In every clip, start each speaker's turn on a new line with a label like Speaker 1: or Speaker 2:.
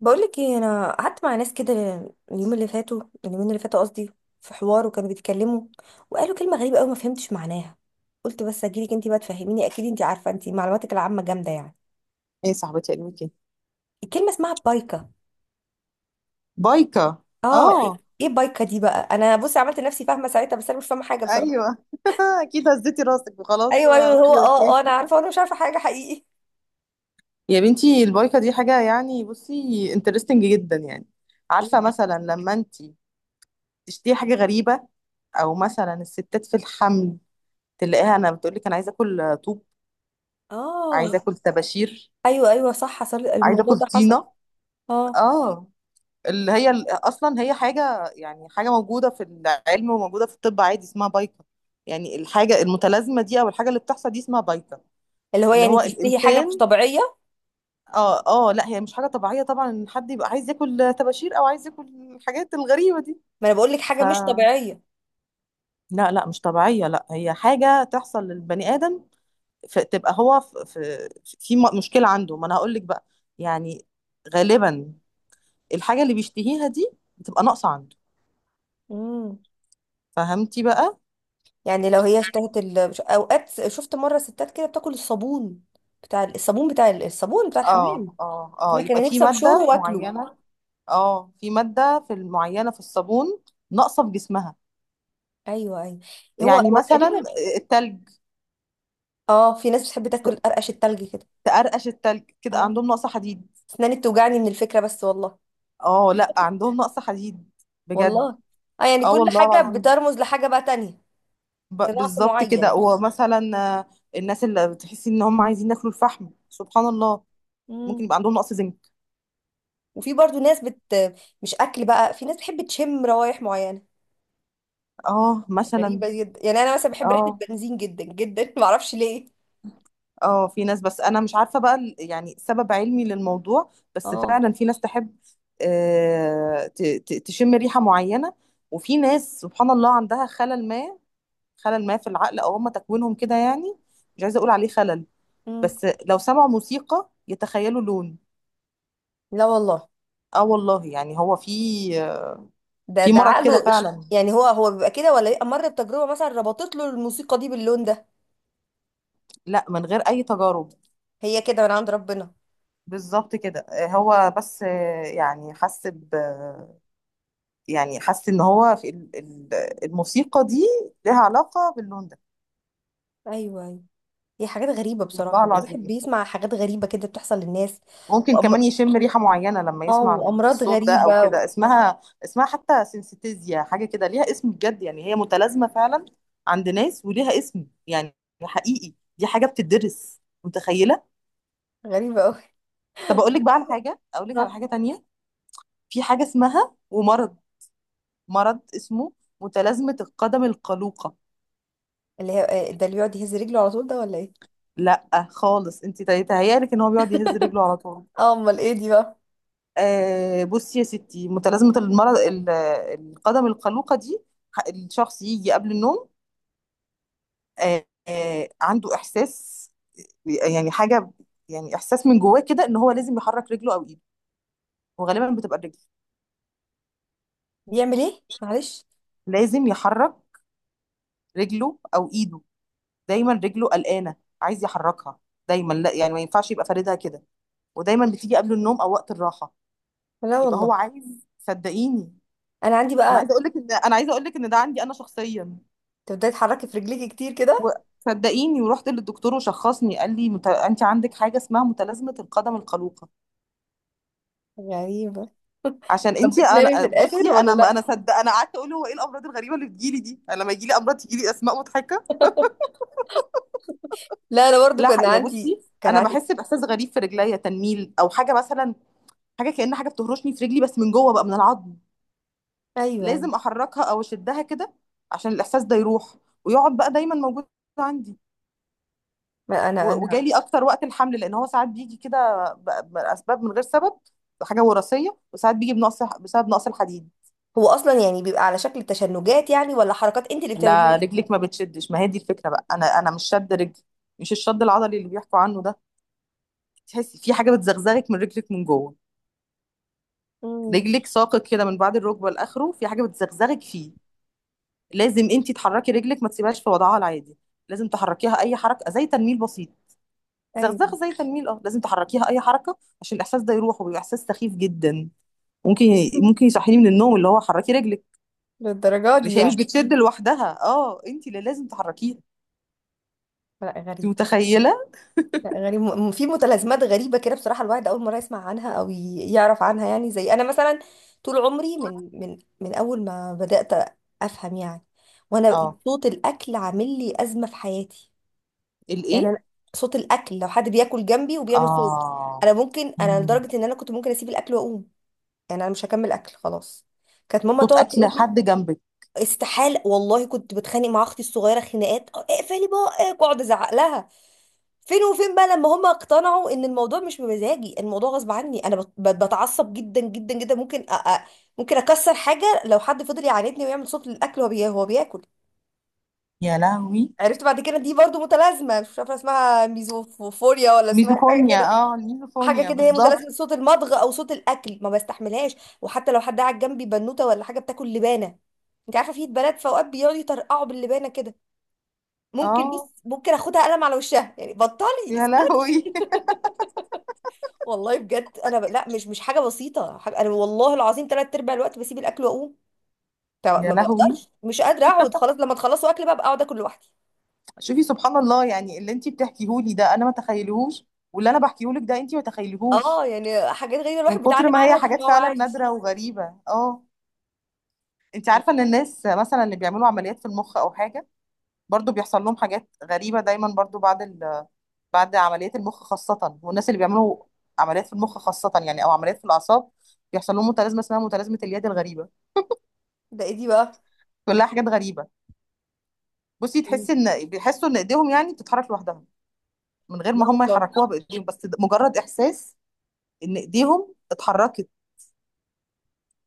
Speaker 1: بقولك ايه، انا قعدت مع ناس كده اليوم اللي فاتوا، اليومين اللي فاتوا قصدي، في حوار وكانوا بيتكلموا، وقالوا كلمه غريبه قوي ما فهمتش معناها. قلت بس اجيلك انت بقى تفهميني، اكيد انت عارفه، انت معلوماتك العامه جامده يعني.
Speaker 2: ايه صاحبتي علمك
Speaker 1: الكلمه اسمها بايكا.
Speaker 2: بايكا.
Speaker 1: اه،
Speaker 2: اه،
Speaker 1: ايه، إيه بايكا دي بقى؟ انا بصي عملت نفسي فاهمه ساعتها بس انا مش فاهمه حاجه بصراحه.
Speaker 2: ايوه. اكيد هزيتي راسك وخلاص،
Speaker 1: ايوه، ايوه، هو
Speaker 2: اوكي اوكي.
Speaker 1: انا عارفه وانا مش عارفه حاجه حقيقي.
Speaker 2: يا بنتي البايكا دي حاجه، يعني بصي انترستنج جدا، يعني
Speaker 1: ايه
Speaker 2: عارفه
Speaker 1: بقى؟
Speaker 2: مثلا لما انت تشتهي حاجه غريبه، او مثلا الستات في الحمل تلاقيها انا بتقول لك انا عايزه اكل طوب،
Speaker 1: اه،
Speaker 2: عايزه اكل طباشير،
Speaker 1: ايوه، ايوه، صح، حصل
Speaker 2: عايزه
Speaker 1: الموضوع
Speaker 2: اكل
Speaker 1: ده، حصل.
Speaker 2: طينه.
Speaker 1: اه.
Speaker 2: اه، اصلا هي حاجه، يعني حاجه موجوده في العلم وموجوده في الطب عادي، اسمها بايكا. يعني الحاجه المتلازمه دي او الحاجه اللي بتحصل دي اسمها بايكا،
Speaker 1: اللي هو
Speaker 2: اللي
Speaker 1: يعني
Speaker 2: هو
Speaker 1: تشتهي حاجه مش
Speaker 2: الانسان.
Speaker 1: طبيعيه.
Speaker 2: اه اه، لا هي مش حاجه طبيعيه طبعا ان حد يبقى عايز ياكل طباشير او عايز ياكل الحاجات الغريبه دي.
Speaker 1: ما انا بقول لك حاجه
Speaker 2: ف
Speaker 1: مش طبيعيه.
Speaker 2: لا لا، مش طبيعيه، لا هي حاجه تحصل للبني ادم، فتبقى هو مشكله عنده. ما انا هقول لك بقى، يعني غالبا الحاجه اللي بيشتهيها دي بتبقى ناقصه عنده.
Speaker 1: امم
Speaker 2: فهمتي بقى؟
Speaker 1: يعني لو هي اشتهت ال... اوقات شفت مره ستات كده بتاكل الصابون، بتاع الصابون بتاع الحمام،
Speaker 2: اه اه
Speaker 1: تقول
Speaker 2: اه،
Speaker 1: لك
Speaker 2: يبقى
Speaker 1: انا
Speaker 2: في
Speaker 1: نفسي ابشره
Speaker 2: ماده
Speaker 1: واكله.
Speaker 2: معينه. اه، في ماده في المعينه في الصابون ناقصه في جسمها.
Speaker 1: ايوه، ايوه، هو
Speaker 2: يعني
Speaker 1: هو
Speaker 2: مثلا
Speaker 1: تقريبا.
Speaker 2: التلج،
Speaker 1: اه، في ناس بتحب تاكل قرقش التلج كده.
Speaker 2: تقرقش التلج كده
Speaker 1: اه،
Speaker 2: عندهم نقص حديد.
Speaker 1: اسناني بتوجعني من الفكره بس والله.
Speaker 2: اه، لا عندهم نقص حديد بجد.
Speaker 1: والله. اه، يعني
Speaker 2: اه
Speaker 1: كل
Speaker 2: والله
Speaker 1: حاجه
Speaker 2: العظيم،
Speaker 1: بترمز لحاجه بقى تانية، لنقص
Speaker 2: بالظبط كده.
Speaker 1: معين.
Speaker 2: ومثلا الناس اللي بتحسي ان هم عايزين ياكلوا الفحم، سبحان الله، ممكن
Speaker 1: امم
Speaker 2: يبقى عندهم نقص زنك.
Speaker 1: وفي برضو ناس مش اكل بقى، في ناس بتحب تشم روايح معينه،
Speaker 2: اه مثلا،
Speaker 1: غريبه جدا يعني. انا مثلا بحب ريحه
Speaker 2: اه
Speaker 1: البنزين جدا جدا، ما اعرفش ليه.
Speaker 2: اه في ناس، بس انا مش عارفه بقى يعني سبب علمي للموضوع، بس
Speaker 1: اه.
Speaker 2: فعلا في ناس تحب تشم ريحه معينه. وفي ناس سبحان الله عندها خلل ما، خلل ما في العقل، او هم تكوينهم كده يعني، مش عايزه اقول عليه خلل،
Speaker 1: مم.
Speaker 2: بس لو سمعوا موسيقى يتخيلوا لون.
Speaker 1: لا والله.
Speaker 2: اه والله، يعني هو في
Speaker 1: ده
Speaker 2: في
Speaker 1: ده
Speaker 2: مرض كده
Speaker 1: عقله
Speaker 2: فعلا.
Speaker 1: يعني هو هو بيبقى كده ولا بيبقى مر بتجربة مثلا ربطت له الموسيقى دي باللون ده؟
Speaker 2: لا من غير اي تجارب،
Speaker 1: هي كده من عند ربنا.
Speaker 2: بالظبط كده. آه، هو بس آه، يعني حس ب يعني حس ان هو في الموسيقى دي لها علاقة باللون ده.
Speaker 1: ايوه، ايوه. هي حاجات غريبة
Speaker 2: والله
Speaker 1: بصراحة، الواحد
Speaker 2: العظيم،
Speaker 1: بيسمع حاجات غريبة كده بتحصل للناس.
Speaker 2: ممكن كمان
Speaker 1: وأم...
Speaker 2: يشم ريحة معينة لما
Speaker 1: اه،
Speaker 2: يسمع
Speaker 1: وأمراض
Speaker 2: الصوت ده او
Speaker 1: غريبة و...
Speaker 2: كده. اسمها اسمها حتى سينستيزيا، حاجة كده ليها اسم بجد، يعني هي متلازمة فعلا عند ناس وليها اسم، يعني حقيقي دي حاجة بتدرس، متخيلة؟
Speaker 1: غريبة أوي.
Speaker 2: طب اقول لك بقى على حاجة، اقول لك على
Speaker 1: آه.
Speaker 2: حاجة تانية. في حاجة اسمها ومرض، مرض اسمه متلازمة القدم القلوقة.
Speaker 1: اللي هي آه، ده اللي بيقعد يهز رجله على طول ده ولا ايه؟
Speaker 2: لا خالص، انت تهيألك ان هو بيقعد يهز رجله على طول.
Speaker 1: اه، امال ايه دي بقى؟
Speaker 2: آه بصي يا ستي، متلازمة المرض القدم القلوقة دي، الشخص يجي قبل النوم عنده احساس، يعني حاجه، يعني احساس من جواه كده ان هو لازم يحرك رجله او ايده، وغالبا بتبقى الرجل.
Speaker 1: بيعمل ايه معلش؟
Speaker 2: لازم يحرك رجله او ايده، دايما رجله قلقانه، عايز يحركها دايما، لا يعني ما ينفعش يبقى فاردها كده، ودايما بتيجي قبل النوم او وقت الراحه.
Speaker 1: لا
Speaker 2: يبقى هو
Speaker 1: والله.
Speaker 2: عايز، صدقيني
Speaker 1: انا عندي
Speaker 2: انا عايزه
Speaker 1: بقى
Speaker 2: اقول لك ان، انا عايزه اقول لك ان ده عندي انا شخصيا.
Speaker 1: تبداي تحركي في رجليكي كتير كده؟
Speaker 2: وصدقيني ورحت للدكتور وشخصني قال لي انت عندك حاجه اسمها متلازمه القدم القلوقه،
Speaker 1: غريبة.
Speaker 2: عشان
Speaker 1: طب
Speaker 2: انتي.
Speaker 1: بتنامي في
Speaker 2: انا
Speaker 1: الاخر
Speaker 2: بصي،
Speaker 1: ولا
Speaker 2: انا ما انا
Speaker 1: لا؟
Speaker 2: صدق انا قعدت اقول هو ايه الامراض الغريبه اللي بتجيلي دي، انا لما يجيلي امراض تجيلي اسماء مضحكه.
Speaker 1: لا، انا برضو
Speaker 2: لا،
Speaker 1: كان
Speaker 2: يا
Speaker 1: عندي،
Speaker 2: بصي
Speaker 1: كان
Speaker 2: انا
Speaker 1: عندي.
Speaker 2: بحس باحساس غريب في رجليا، تنميل او حاجه مثلا، حاجه كأن حاجه بتهرشني في رجلي بس من جوه بقى، من العظم.
Speaker 1: ايوه.
Speaker 2: لازم احركها او اشدها كده عشان الاحساس ده يروح، ويقعد بقى دايما موجود عندي.
Speaker 1: ما انا انا
Speaker 2: وجالي اكتر وقت الحمل، لان هو ساعات بيجي كده باسباب من غير سبب، حاجه وراثيه، وساعات بيجي بنقص بسبب نقص الحديد.
Speaker 1: هو اصلا يعني بيبقى على شكل تشنجات يعني ولا حركات انت اللي
Speaker 2: لا
Speaker 1: بتعمليها؟
Speaker 2: رجلك ما بتشدش، ما هي دي الفكره بقى، انا انا مش شد رجل، مش الشد العضلي اللي بيحكوا عنه ده، تحسي في حاجه بتزغزغك من رجلك من جوه،
Speaker 1: امم.
Speaker 2: رجلك ساقط كده من بعد الركبه لاخره، في حاجه بتزغزغك فيه، لازم انت تحركي رجلك، ما تسيبهاش في وضعها العادي، لازم تحركيها اي حركه، زي تنميل بسيط،
Speaker 1: ايوه.
Speaker 2: زغزغه، زي تنميل، اه لازم تحركيها اي حركه عشان الاحساس ده يروح، وبيبقى احساس سخيف جدا. ممكن ممكن يصحيني من النوم، اللي هو حركي رجلك،
Speaker 1: للدرجه دي
Speaker 2: مش هي مش
Speaker 1: يعني؟
Speaker 2: بتشد لوحدها، اه انت اللي لازم تحركيها.
Speaker 1: لا،
Speaker 2: انت
Speaker 1: غريب.
Speaker 2: متخيله؟
Speaker 1: لا، غريب. في متلازمات غريبه كده بصراحه، الواحد اول مره يسمع عنها او يعرف عنها يعني. زي انا مثلا، طول عمري من اول ما بدات افهم يعني، وانا
Speaker 2: اه
Speaker 1: صوت الاكل عامل لي ازمه في حياتي. يعني
Speaker 2: الايه؟
Speaker 1: انا صوت الاكل لو حد بياكل جنبي وبيعمل صوت،
Speaker 2: اه.
Speaker 1: انا ممكن انا
Speaker 2: مم.
Speaker 1: لدرجه ان انا كنت ممكن اسيب الاكل واقوم. يعني انا مش هكمل اكل خلاص. كانت ماما
Speaker 2: صوت
Speaker 1: تقعد
Speaker 2: اكل
Speaker 1: تقول لي
Speaker 2: حد جنبك؟
Speaker 1: استحاله. والله كنت بتخانق مع اختي الصغيره خناقات "أه، اقفلي بقك"، واقعد ازعق لها. فين وفين بقى لما هم اقتنعوا ان الموضوع مش بمزاجي، الموضوع غصب عني. انا بتعصب جدا جدا جدا، ممكن ممكن اكسر حاجه لو حد فضل يعاندني ويعمل صوت للاكل وهو هو بياكل.
Speaker 2: يا لهوي.
Speaker 1: عرفت بعد كده دي برضو متلازمه، مش عارفه اسمها ميزوفوريا ولا اسمها حاجه
Speaker 2: ميزوفونيا،
Speaker 1: كده،
Speaker 2: اه
Speaker 1: حاجه
Speaker 2: الميزوفونيا
Speaker 1: كده. هي متلازمه
Speaker 2: بالظبط.
Speaker 1: صوت المضغ او صوت الاكل، ما بستحملهاش. وحتى لو حد قاعد جنبي بنوته ولا حاجه بتاكل لبانه، انت عارفه في بنات في اوقات بيقعدوا يطرقعوا باللبانه كده، ممكن
Speaker 2: اه
Speaker 1: بص ممكن اخدها قلم على وشها يعني، بطلي.
Speaker 2: يا
Speaker 1: اسكتي.
Speaker 2: لهوي.
Speaker 1: والله بجد انا لا، مش مش حاجه بسيطه، حاجة... انا والله العظيم ثلاث ارباع الوقت بسيب الاكل واقوم. طب
Speaker 2: يا
Speaker 1: ما
Speaker 2: لهوي.
Speaker 1: بقدرش، مش قادره اقعد، خلاص لما تخلصوا اكل بقى اقعد اكل لوحدي.
Speaker 2: شوفي سبحان الله، يعني اللي انتي بتحكيهولي ده انا ما تخيلهوش، واللي انا بحكيهولك ده انتي ما تخيلهوش،
Speaker 1: اه، يعني حاجات غريبه
Speaker 2: من
Speaker 1: الواحد بيتعلم
Speaker 2: كتر ما هي
Speaker 1: عنها طول
Speaker 2: حاجات
Speaker 1: ما هو
Speaker 2: فعلا
Speaker 1: عايش.
Speaker 2: نادرة وغريبة. اه، انتي عارفة ان الناس مثلا اللي بيعملوا عمليات في المخ او حاجة، برضو بيحصل لهم حاجات غريبة دايما، برضو بعد بعد عمليات المخ خاصة، والناس اللي بيعملوا عمليات في المخ خاصة، يعني أو عمليات في الأعصاب، بيحصل لهم متلازمة اسمها متلازمة اليد الغريبة،
Speaker 1: ده ايدي بقى؟
Speaker 2: كلها حاجات غريبة. بصي تحسي إن، بيحسوا إن إيديهم يعني بتتحرك لوحدها، من غير
Speaker 1: لا
Speaker 2: ما هم
Speaker 1: والله.
Speaker 2: يحركوها بإيديهم، بس ده مجرد إحساس إن إيديهم اتحركت،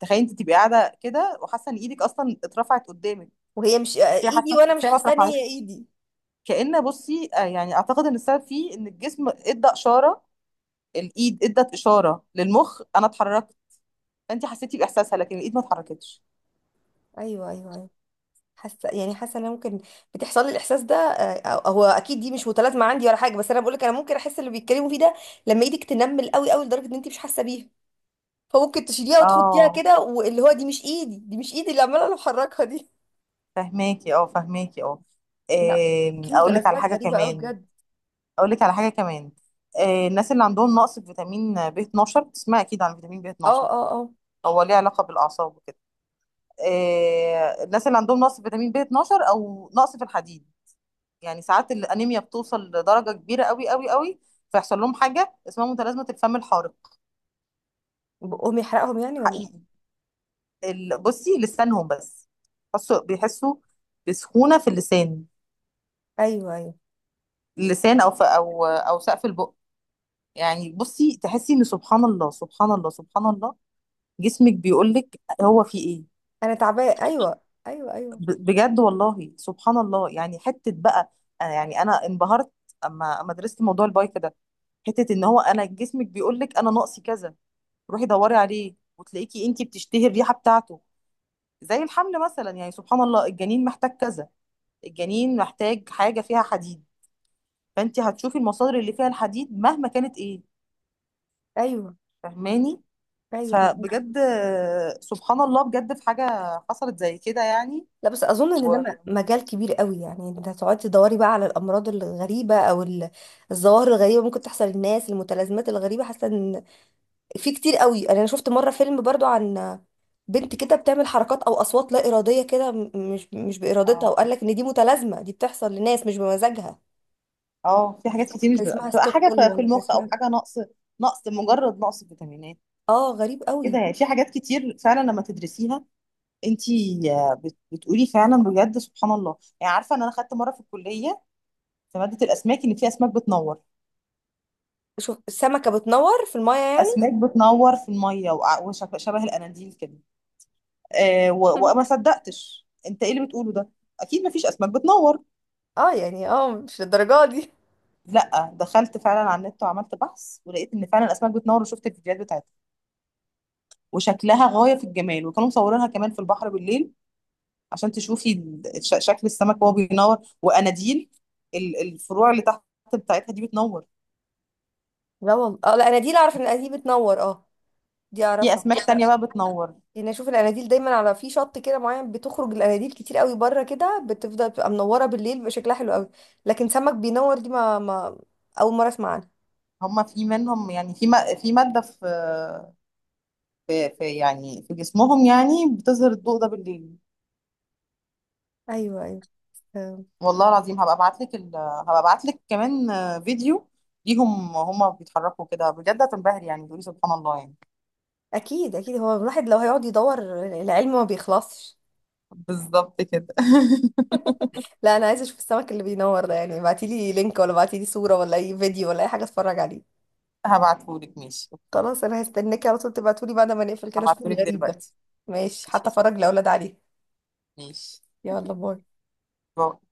Speaker 2: تخيل أنت تبقي قاعدة كده وحاسة إن إيدك أصلا اترفعت قدامك،
Speaker 1: وهي مش
Speaker 2: وهي
Speaker 1: ايدي
Speaker 2: حاسة
Speaker 1: وانا
Speaker 2: بس
Speaker 1: مش
Speaker 2: هي ما
Speaker 1: حاسه ان هي
Speaker 2: اترفعتش.
Speaker 1: ايدي.
Speaker 2: كأن بصي، يعني أعتقد إن السبب فيه إن الجسم إدى إشارة، الايد ادت اشاره للمخ انا اتحركت، فانت حسيتي باحساسها لكن الايد ما اتحركتش.
Speaker 1: ايوه، ايوه، ايوه. حاسه، يعني حاسه ان انا ممكن بتحصل لي الاحساس ده آه، هو اكيد دي مش متلازمه عندي ولا حاجه، بس انا بقول لك انا ممكن احس اللي بيتكلموا فيه ده. لما ايدك تنمل قوي قوي لدرجه ان انت مش حاسه بيها، فممكن تشيليها وتحطيها
Speaker 2: اه
Speaker 1: كده واللي هو دي مش ايدي، دي مش ايدي اللي عماله بحركها دي.
Speaker 2: فهماكي، اه فهماكي اه.
Speaker 1: لا، في
Speaker 2: اقول لك على
Speaker 1: متلازمات
Speaker 2: حاجه
Speaker 1: غريبه قوي
Speaker 2: كمان،
Speaker 1: بجد.
Speaker 2: اقول لك على حاجه كمان. الناس اللي عندهم نقص في فيتامين بي 12، بتسمع اكيد عن فيتامين بي
Speaker 1: اه،
Speaker 2: 12،
Speaker 1: اه، اه.
Speaker 2: هو ليه علاقه بالاعصاب وكده. الناس اللي عندهم نقص في فيتامين بي 12 او نقص في الحديد، يعني ساعات الانيميا بتوصل لدرجه كبيره قوي قوي قوي، فيحصل لهم حاجه اسمها متلازمه الفم الحارق.
Speaker 1: بقهم يحرقهم يعني ولا
Speaker 2: حقيقي،
Speaker 1: إيه؟
Speaker 2: بصي لسانهم بس، بيحسوا بيحسوا بسخونة في اللسان،
Speaker 1: ايوه، ايوه.
Speaker 2: اللسان او في او سقف البق. يعني بصي تحسي ان، سبحان الله سبحان الله سبحان الله، جسمك بيقول لك هو في ايه.
Speaker 1: انا تعبانه. ايوه، ايوه، ايوه،
Speaker 2: بجد والله، سبحان الله، يعني حتة بقى أنا، يعني انا انبهرت اما درست موضوع البايك ده، حتة ان هو انا جسمك بيقول لك انا ناقصي كذا، روحي دوري عليه وتلاقيكي انتي بتشتهي الريحة بتاعته. زي الحمل مثلا، يعني سبحان الله، الجنين محتاج كذا، الجنين محتاج حاجة فيها حديد، فانت هتشوفي المصادر اللي فيها الحديد مهما كانت ايه.
Speaker 1: ايوه،
Speaker 2: فاهماني؟
Speaker 1: ايوه.
Speaker 2: فبجد، سبحان الله، بجد في حاجة حصلت زي كده يعني.
Speaker 1: لا بس اظن ان ده
Speaker 2: و...
Speaker 1: مجال كبير قوي يعني، انت هتقعدي تدوري بقى على الامراض الغريبه او الظواهر الغريبه ممكن تحصل للناس، المتلازمات الغريبه. حاسه ان في كتير قوي يعني. انا شفت مره فيلم برضو عن بنت كده بتعمل حركات او اصوات لا اراديه كده، مش مش بارادتها،
Speaker 2: اه
Speaker 1: وقال لك ان دي متلازمه دي بتحصل لناس مش بمزاجها.
Speaker 2: اه في
Speaker 1: مش
Speaker 2: حاجات
Speaker 1: فاكرة
Speaker 2: كتير، مش
Speaker 1: كان اسمها
Speaker 2: بتبقى حاجة
Speaker 1: ستوكهولم
Speaker 2: في في
Speaker 1: ولا كان
Speaker 2: المخ او
Speaker 1: اسمها.
Speaker 2: حاجة نقص، نقص مجرد نقص فيتامينات
Speaker 1: اه، غريب
Speaker 2: كده،
Speaker 1: قوي.
Speaker 2: يعني في حاجات كتير فعلا لما تدرسيها انت، بتقولي فعلا بجد سبحان الله. يعني عارفة ان انا خدت مرة في الكلية في مادة الاسماك ان في اسماك بتنور،
Speaker 1: شوف السمكه بتنور في المايه يعني؟
Speaker 2: اسماك بتنور في المية، شبه الاناديل كده. وما صدقتش انت ايه اللي بتقوله ده، اكيد مفيش اسماك بتنور.
Speaker 1: اه، يعني اه مش للدرجه دي.
Speaker 2: لا دخلت فعلا على النت وعملت بحث، ولقيت ان فعلا الاسماك بتنور، وشفت الفيديوهات بتاعتها وشكلها غايه في الجمال، وكانوا مصورينها كمان في البحر بالليل عشان تشوفي شكل السمك وهو بينور، واناديل الفروع اللي تحت بتاعتها دي بتنور.
Speaker 1: لا والله، اه، لا انا دي اللي اعرف ان دي بتنور، اه، دي
Speaker 2: في
Speaker 1: اعرفها.
Speaker 2: اسماك تانية بقى بتنور،
Speaker 1: يعني اشوف الاناديل دايما على في شط كده معين، بتخرج الاناديل كتير قوي بره كده، بتفضل بتبقى منوره بالليل، بيبقى شكلها حلو قوي. لكن سمك بينور دي ما اول مره اسمع عنها.
Speaker 2: هما في منهم، يعني في في ماده في يعني في جسمهم، يعني بتظهر الضوء ده بالليل.
Speaker 1: ايوه، ايوه. فاهم.
Speaker 2: والله العظيم هبقى ابعت لك كمان فيديو ليهم هم بيتحركوا كده، بجد هتنبهري يعني، تقولي سبحان الله يعني.
Speaker 1: اكيد، اكيد، هو الواحد لو هيقعد يدور العلم ما بيخلصش.
Speaker 2: بالظبط كده.
Speaker 1: لا، انا عايزه اشوف السمك اللي بينور ده يعني، ابعتيلي لينك ولا ابعتيلي صوره ولا اي فيديو ولا اي حاجه اتفرج عليه.
Speaker 2: هبعتهولك، ماشي اوكي.
Speaker 1: خلاص، انا هستناكي على طول تبعتولي بعد ما نقفل كده اشوف
Speaker 2: هبعتهولك
Speaker 1: الغريب ده.
Speaker 2: دلوقتي.
Speaker 1: ماشي، حتى
Speaker 2: ماشي.
Speaker 1: اتفرج لاولاد عليه.
Speaker 2: ماشي.
Speaker 1: يلا، باي.
Speaker 2: باي.